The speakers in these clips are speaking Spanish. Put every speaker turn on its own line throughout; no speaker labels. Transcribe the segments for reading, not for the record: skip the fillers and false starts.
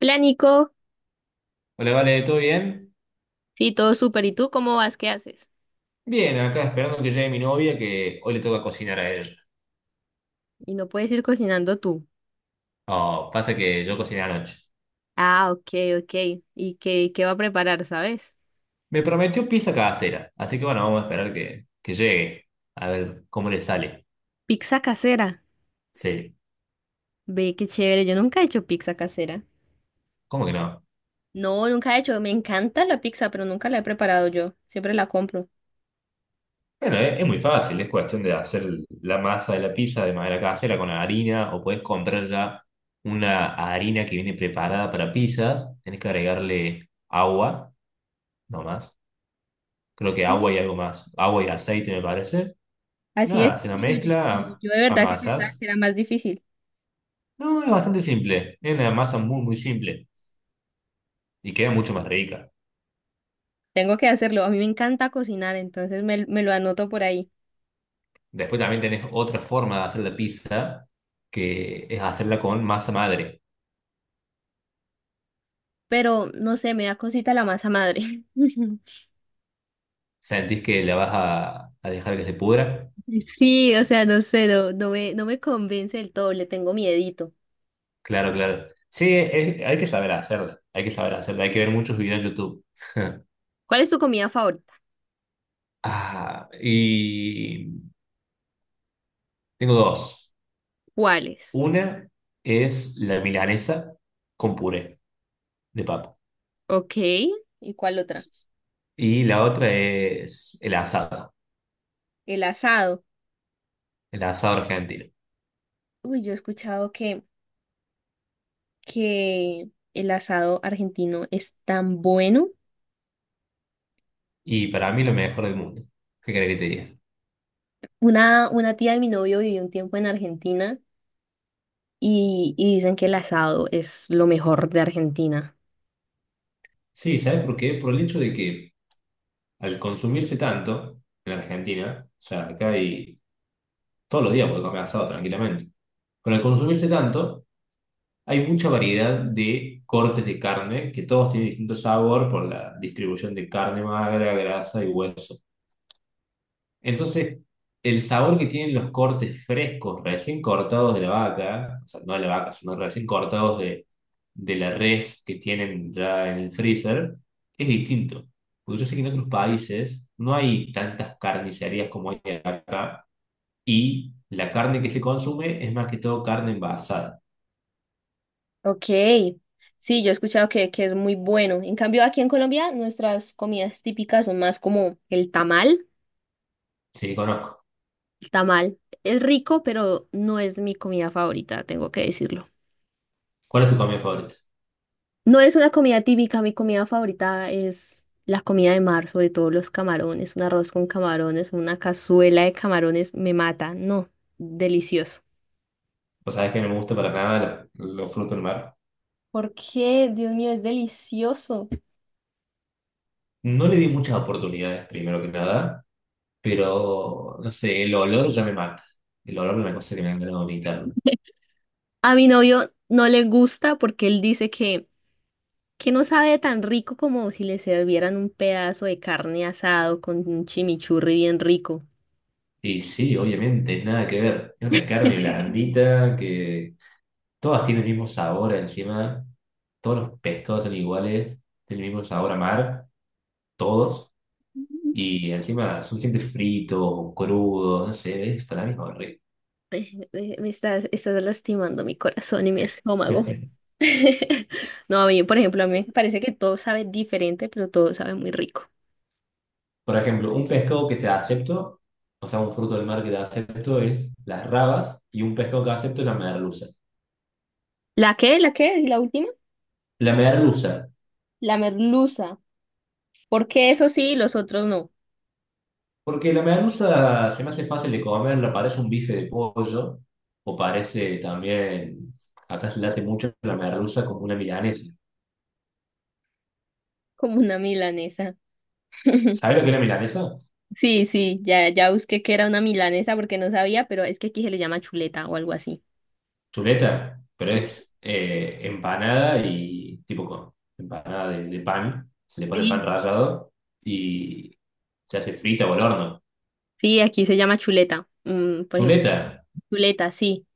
Hola Nico,
Hola, vale, ¿todo bien?
sí, todo súper. ¿Y tú cómo vas? ¿Qué haces?
Bien, acá esperando que llegue mi novia, que hoy le toca cocinar a ella.
Y no puedes ir cocinando tú.
Oh, pasa que yo cociné anoche.
Ah, ok, ok. ¿Y qué va a preparar, sabes?
Me prometió pizza casera, así que bueno, vamos a esperar que llegue, a ver cómo le sale.
Pizza casera.
Sí,
Ve, qué chévere. Yo nunca he hecho pizza casera.
¿cómo que no?
No, nunca he hecho. Me encanta la pizza, pero nunca la he preparado yo. Siempre la compro.
Bueno, es muy fácil, es cuestión de hacer la masa de la pizza de manera casera con harina, o puedes comprar ya una harina que viene preparada para pizzas. Tenés que agregarle agua, no más. Creo que
Sí.
agua y algo más. Agua y aceite, me parece.
Así es.
Nada, se la
sí, Yo, yo, yo-
mezcla,
yo de
a
verdad que pensaba
amasas.
que era más difícil.
No, es bastante simple. Es una masa muy, muy simple y queda mucho más rica.
Tengo que hacerlo. A mí me encanta cocinar, entonces me lo anoto por ahí.
Después también tenés otra forma de hacer la pizza, que es hacerla con masa madre.
Pero no sé, me da cosita la masa madre.
¿Sentís que la vas a dejar que se pudra?
Sí, o sea, no sé, no, no me convence del todo, le tengo miedito.
Claro, claro. Sí, hay que saber hacerla. Hay que saber hacerla. Hay que ver muchos videos en YouTube.
¿Cuál es tu comida favorita?
Ah, y tengo dos.
¿Cuáles?
Una es la milanesa con puré de papa.
Ok, ¿y cuál otra?
Y la otra es el asado.
El asado.
El asado argentino.
Uy, yo he escuchado que el asado argentino es tan bueno.
Y para mí lo mejor del mundo. ¿Qué querés que te diga?
Una tía de mi novio vivió un tiempo en Argentina y dicen que el asado es lo mejor de Argentina.
Sí, ¿sabes por qué? Por el hecho de que al consumirse tanto en Argentina, o sea, acá hay todos los días puedes comer asado tranquilamente, pero al consumirse tanto hay mucha variedad de cortes de carne que todos tienen distinto sabor por la distribución de carne magra, grasa y hueso. Entonces, el sabor que tienen los cortes frescos, recién cortados de la vaca, o sea, no de la vaca, sino recién cortados de la res que tienen ya en el freezer es distinto. Porque yo sé que en otros países no hay tantas carnicerías como hay acá y la carne que se consume es más que todo carne envasada.
Ok, sí, yo he escuchado que es muy bueno. En cambio, aquí en Colombia, nuestras comidas típicas son más como el tamal.
Sí, conozco.
El tamal es rico, pero no es mi comida favorita, tengo que decirlo.
¿Cuál es tu comida favorita?
No es una comida típica, mi comida favorita es la comida de mar, sobre todo los camarones, un arroz con camarones, una cazuela de camarones me mata, no, delicioso.
Pues sabes que no me gusta para nada los frutos del mar.
¿Por qué? Dios mío, es delicioso.
No le di muchas oportunidades, primero que nada, pero no sé, el olor ya me mata. El olor es una cosa que me han ganado vomitar.
A mi novio no le gusta porque él dice que no sabe tan rico como si le servieran un pedazo de carne asado con un chimichurri bien rico.
Y sí, obviamente, nada que ver. Es una carne blandita que todas tienen el mismo sabor encima. Todos los pescados son iguales. Tienen el mismo sabor a mar. Todos. Y encima son siempre fritos o crudos. No sé, es para mí es horrible.
Me estás lastimando mi corazón y mi estómago. No, a mí, por ejemplo, a mí me parece que todo sabe diferente, pero todo sabe muy rico.
Por ejemplo, un pescado que te acepto, o sea, un fruto del mar que te acepto es las rabas y un pescado que acepto es la merluza.
¿La qué? ¿La qué? ¿Y la última?
La merluza,
La merluza. Porque eso sí, los otros no.
porque la merluza se me hace fácil de comer, la parece un bife de pollo o parece también, acá se late mucho la merluza como una milanesa.
Como una milanesa.
¿Sabes lo que es la milanesa?
Sí, sí, ya busqué que era una milanesa porque no sabía, pero es que aquí se le llama chuleta o algo así.
Chuleta, pero
Sí,
es empanada y tipo con empanada de pan, se le pone pan
sí,
rallado y se hace frita o al horno.
sí, aquí se llama chuleta. Mm, por ejemplo,
Chuleta,
chuleta, sí.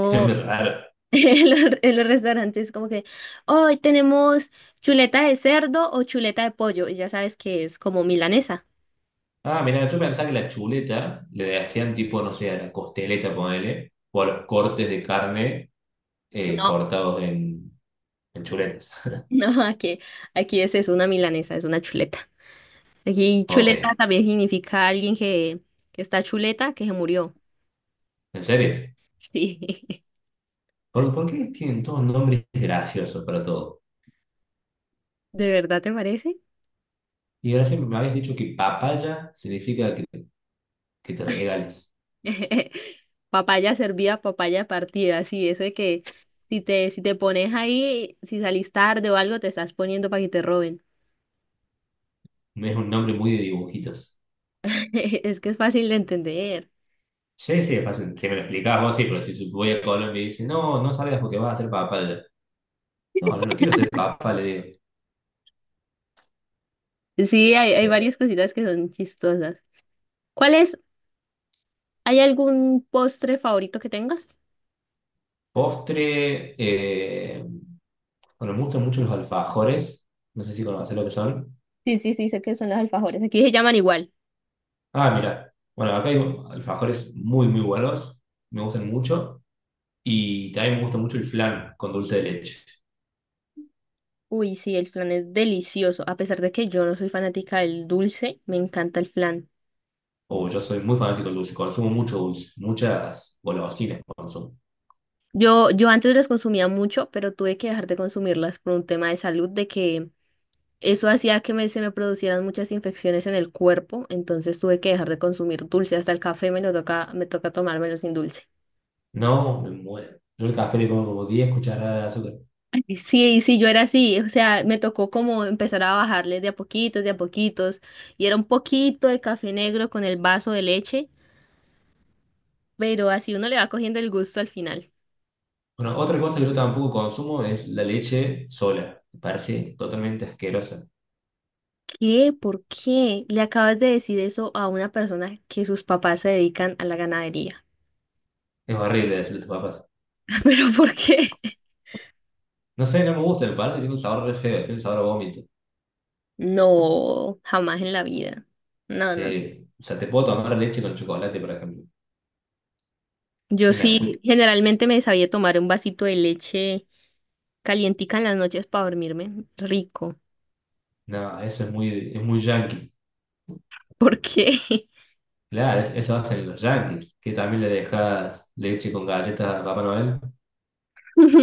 qué nombre raro.
en los restaurantes, como que hoy tenemos chuleta de cerdo o chuleta de pollo, y ya sabes que es como milanesa.
Ah, mira, yo pensaba que la chuleta le hacían tipo, no sé, a la costeleta, ponele, o a los cortes de carne
No,
cortados en chuletas.
no, aquí es una milanesa, es una chuleta. Aquí
Ok,
chuleta también significa alguien que está chuleta, que se murió.
¿en serio?
Sí,
¿Por qué tienen todos nombres graciosos para todo?
¿de verdad te parece?
Y ahora siempre me habéis dicho que papaya significa que te regales.
Papaya servida, papaya partida, sí, eso de que si te, si te pones ahí, si salís tarde o algo, te estás poniendo para que te roben.
Es un nombre muy de dibujitos.
Es que es fácil de entender.
Sí, sí, es fácil. Si me lo explicás vos, sí, pero si su- voy a Colombia y dice, no, no salgas porque vas a ser papá. Le digo, no, yo no quiero ser papá, le digo.
Sí, hay
Eh,
varias cositas que son chistosas. ¿Cuál es? ¿Hay algún postre favorito que tengas?
Postre, bueno, me gustan mucho los alfajores. No sé si conocés lo que son.
Sí, sí, sí, sé que son los alfajores. Aquí se llaman igual.
Ah, mira. Bueno, acá hay alfajores muy, muy buenos. Me gustan mucho. Y también me gusta mucho el flan con dulce de leche.
Uy, sí, el flan es delicioso. A pesar de que yo no soy fanática del dulce, me encanta el flan.
O yo soy muy fanático del dulce. Consumo mucho dulce. Muchas golosinas consumo.
Yo antes las consumía mucho, pero tuve que dejar de consumirlas por un tema de salud, de que eso hacía que se me producieran muchas infecciones en el cuerpo, entonces tuve que dejar de consumir dulce. Hasta el café me toca tomármelo sin dulce.
No, me muero. Yo el café le pongo como 10 cucharadas de azúcar.
Sí, sí, yo era así, o sea, me tocó como empezar a bajarle de a poquitos, y era un poquito de café negro con el vaso de leche, pero así uno le va cogiendo el gusto al final.
Bueno, otra cosa que yo tampoco consumo es la leche sola. Me parece totalmente asquerosa.
¿Qué? ¿Por qué le acabas de decir eso a una persona que sus papás se dedican a la ganadería?
Es horrible decirle a tus papás.
¿Pero por qué?
No sé, no me gusta, me parece que tiene un sabor re feo, tiene un sabor a vómito.
No, jamás en la vida. No, no.
Sí. O sea, te puedo tomar leche con chocolate, por ejemplo.
Yo
Un Nesquik.
sí, generalmente me sabía tomar un vasito de leche calientica en las noches para dormirme. Rico.
No, eso es muy yankee.
¿Por qué?
Claro, es- eso hacen los yankees, que también le dejas leche con galletas a Papá Noel.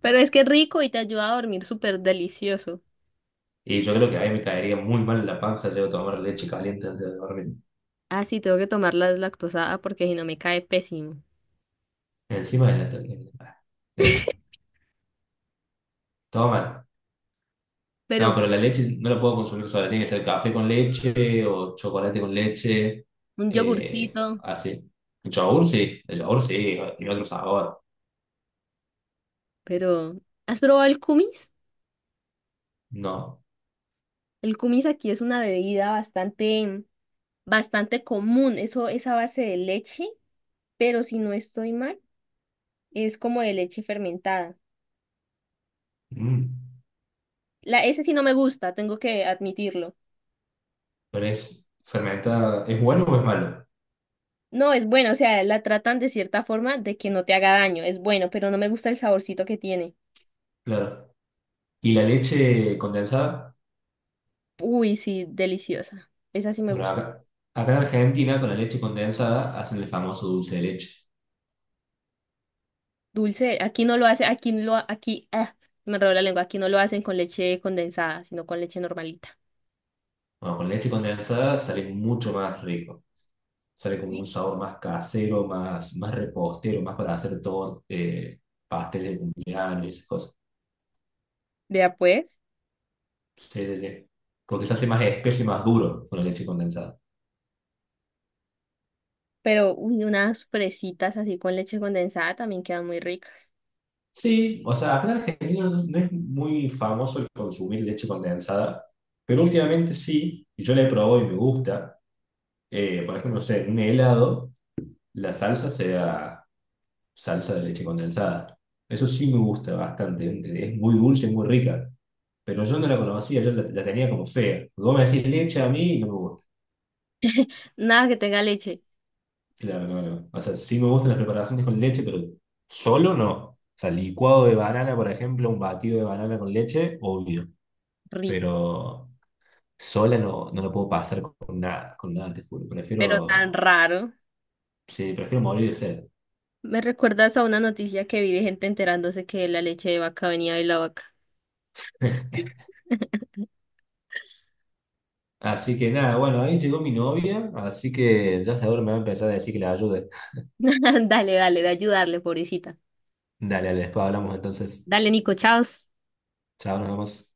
Pero es que es rico y te ayuda a dormir súper delicioso.
Y yo creo que ahí me caería muy mal en la panza, llego a tomar leche caliente antes de dormir.
Ah, sí, tengo que tomar la deslactosada porque si no me cae pésimo.
Encima de la tortilla, ah, deja. Toma. No,
Pero
pero la leche no la puedo consumir sola. Tiene que ser café con leche o chocolate con leche.
un yogurcito,
Así. El yogur sí. El yogur sí. Tiene otro sabor.
pero ¿has probado el kumis?
No.
El kumis aquí es una bebida bastante común. Eso es a base de leche, pero si no estoy mal, es como de leche fermentada.
Mm.
Ese sí no me gusta, tengo que admitirlo.
Pero es fermentada. ¿Es bueno o es malo?
No, es bueno, o sea, la tratan de cierta forma de que no te haga daño, es bueno, pero no me gusta el saborcito que tiene.
Claro. ¿Y la leche condensada?
Uy, sí, deliciosa. Esa sí me
Bueno,
gusta.
acá en Argentina con la leche condensada hacen el famoso dulce de leche.
Dulce, aquí no lo hace, ah, me enredó la lengua, aquí no lo hacen con leche condensada, sino con leche normalita.
Bueno, con leche condensada sale mucho más rico. Sale como un
Sí.
sabor más casero, más, más repostero, más para hacer todo, pasteles de cumpleaños y esas cosas.
Vea pues,
Sí, sí, sí. Porque se hace más espeso y más duro con la leche condensada.
pero uy, unas fresitas así con leche condensada también quedan muy ricas.
Sí, o sea, acá en Argentina no, no es muy famoso el consumir leche condensada, pero últimamente sí, y yo la he probado y me gusta. Por ejemplo, no sé, en un helado, la salsa sea salsa de leche condensada. Eso sí me gusta bastante, es muy dulce, y muy rica. Pero yo no la conocía, yo la tenía como fea. Vos me decís leche a mí y no me gusta.
Nada que tenga leche,
Claro, no, no. O sea, sí me gustan las preparaciones con leche, pero solo no. O sea, licuado de banana, por ejemplo, un batido de banana con leche, obvio.
rico,
Pero sola no, no lo puedo pasar con nada, te juro.
pero
Prefiero,
tan raro.
sí, prefiero morir de sed.
Me recuerdas a una noticia que vi de gente enterándose que la leche de vaca venía de la vaca.
Así que nada, bueno, ahí llegó mi novia, así que ya seguro me va a empezar a decir que la ayude.
Dale, dale, de ayudarle, pobrecita.
Dale, dale, después hablamos entonces.
Dale, Nico, chao.
Chao, nos vemos.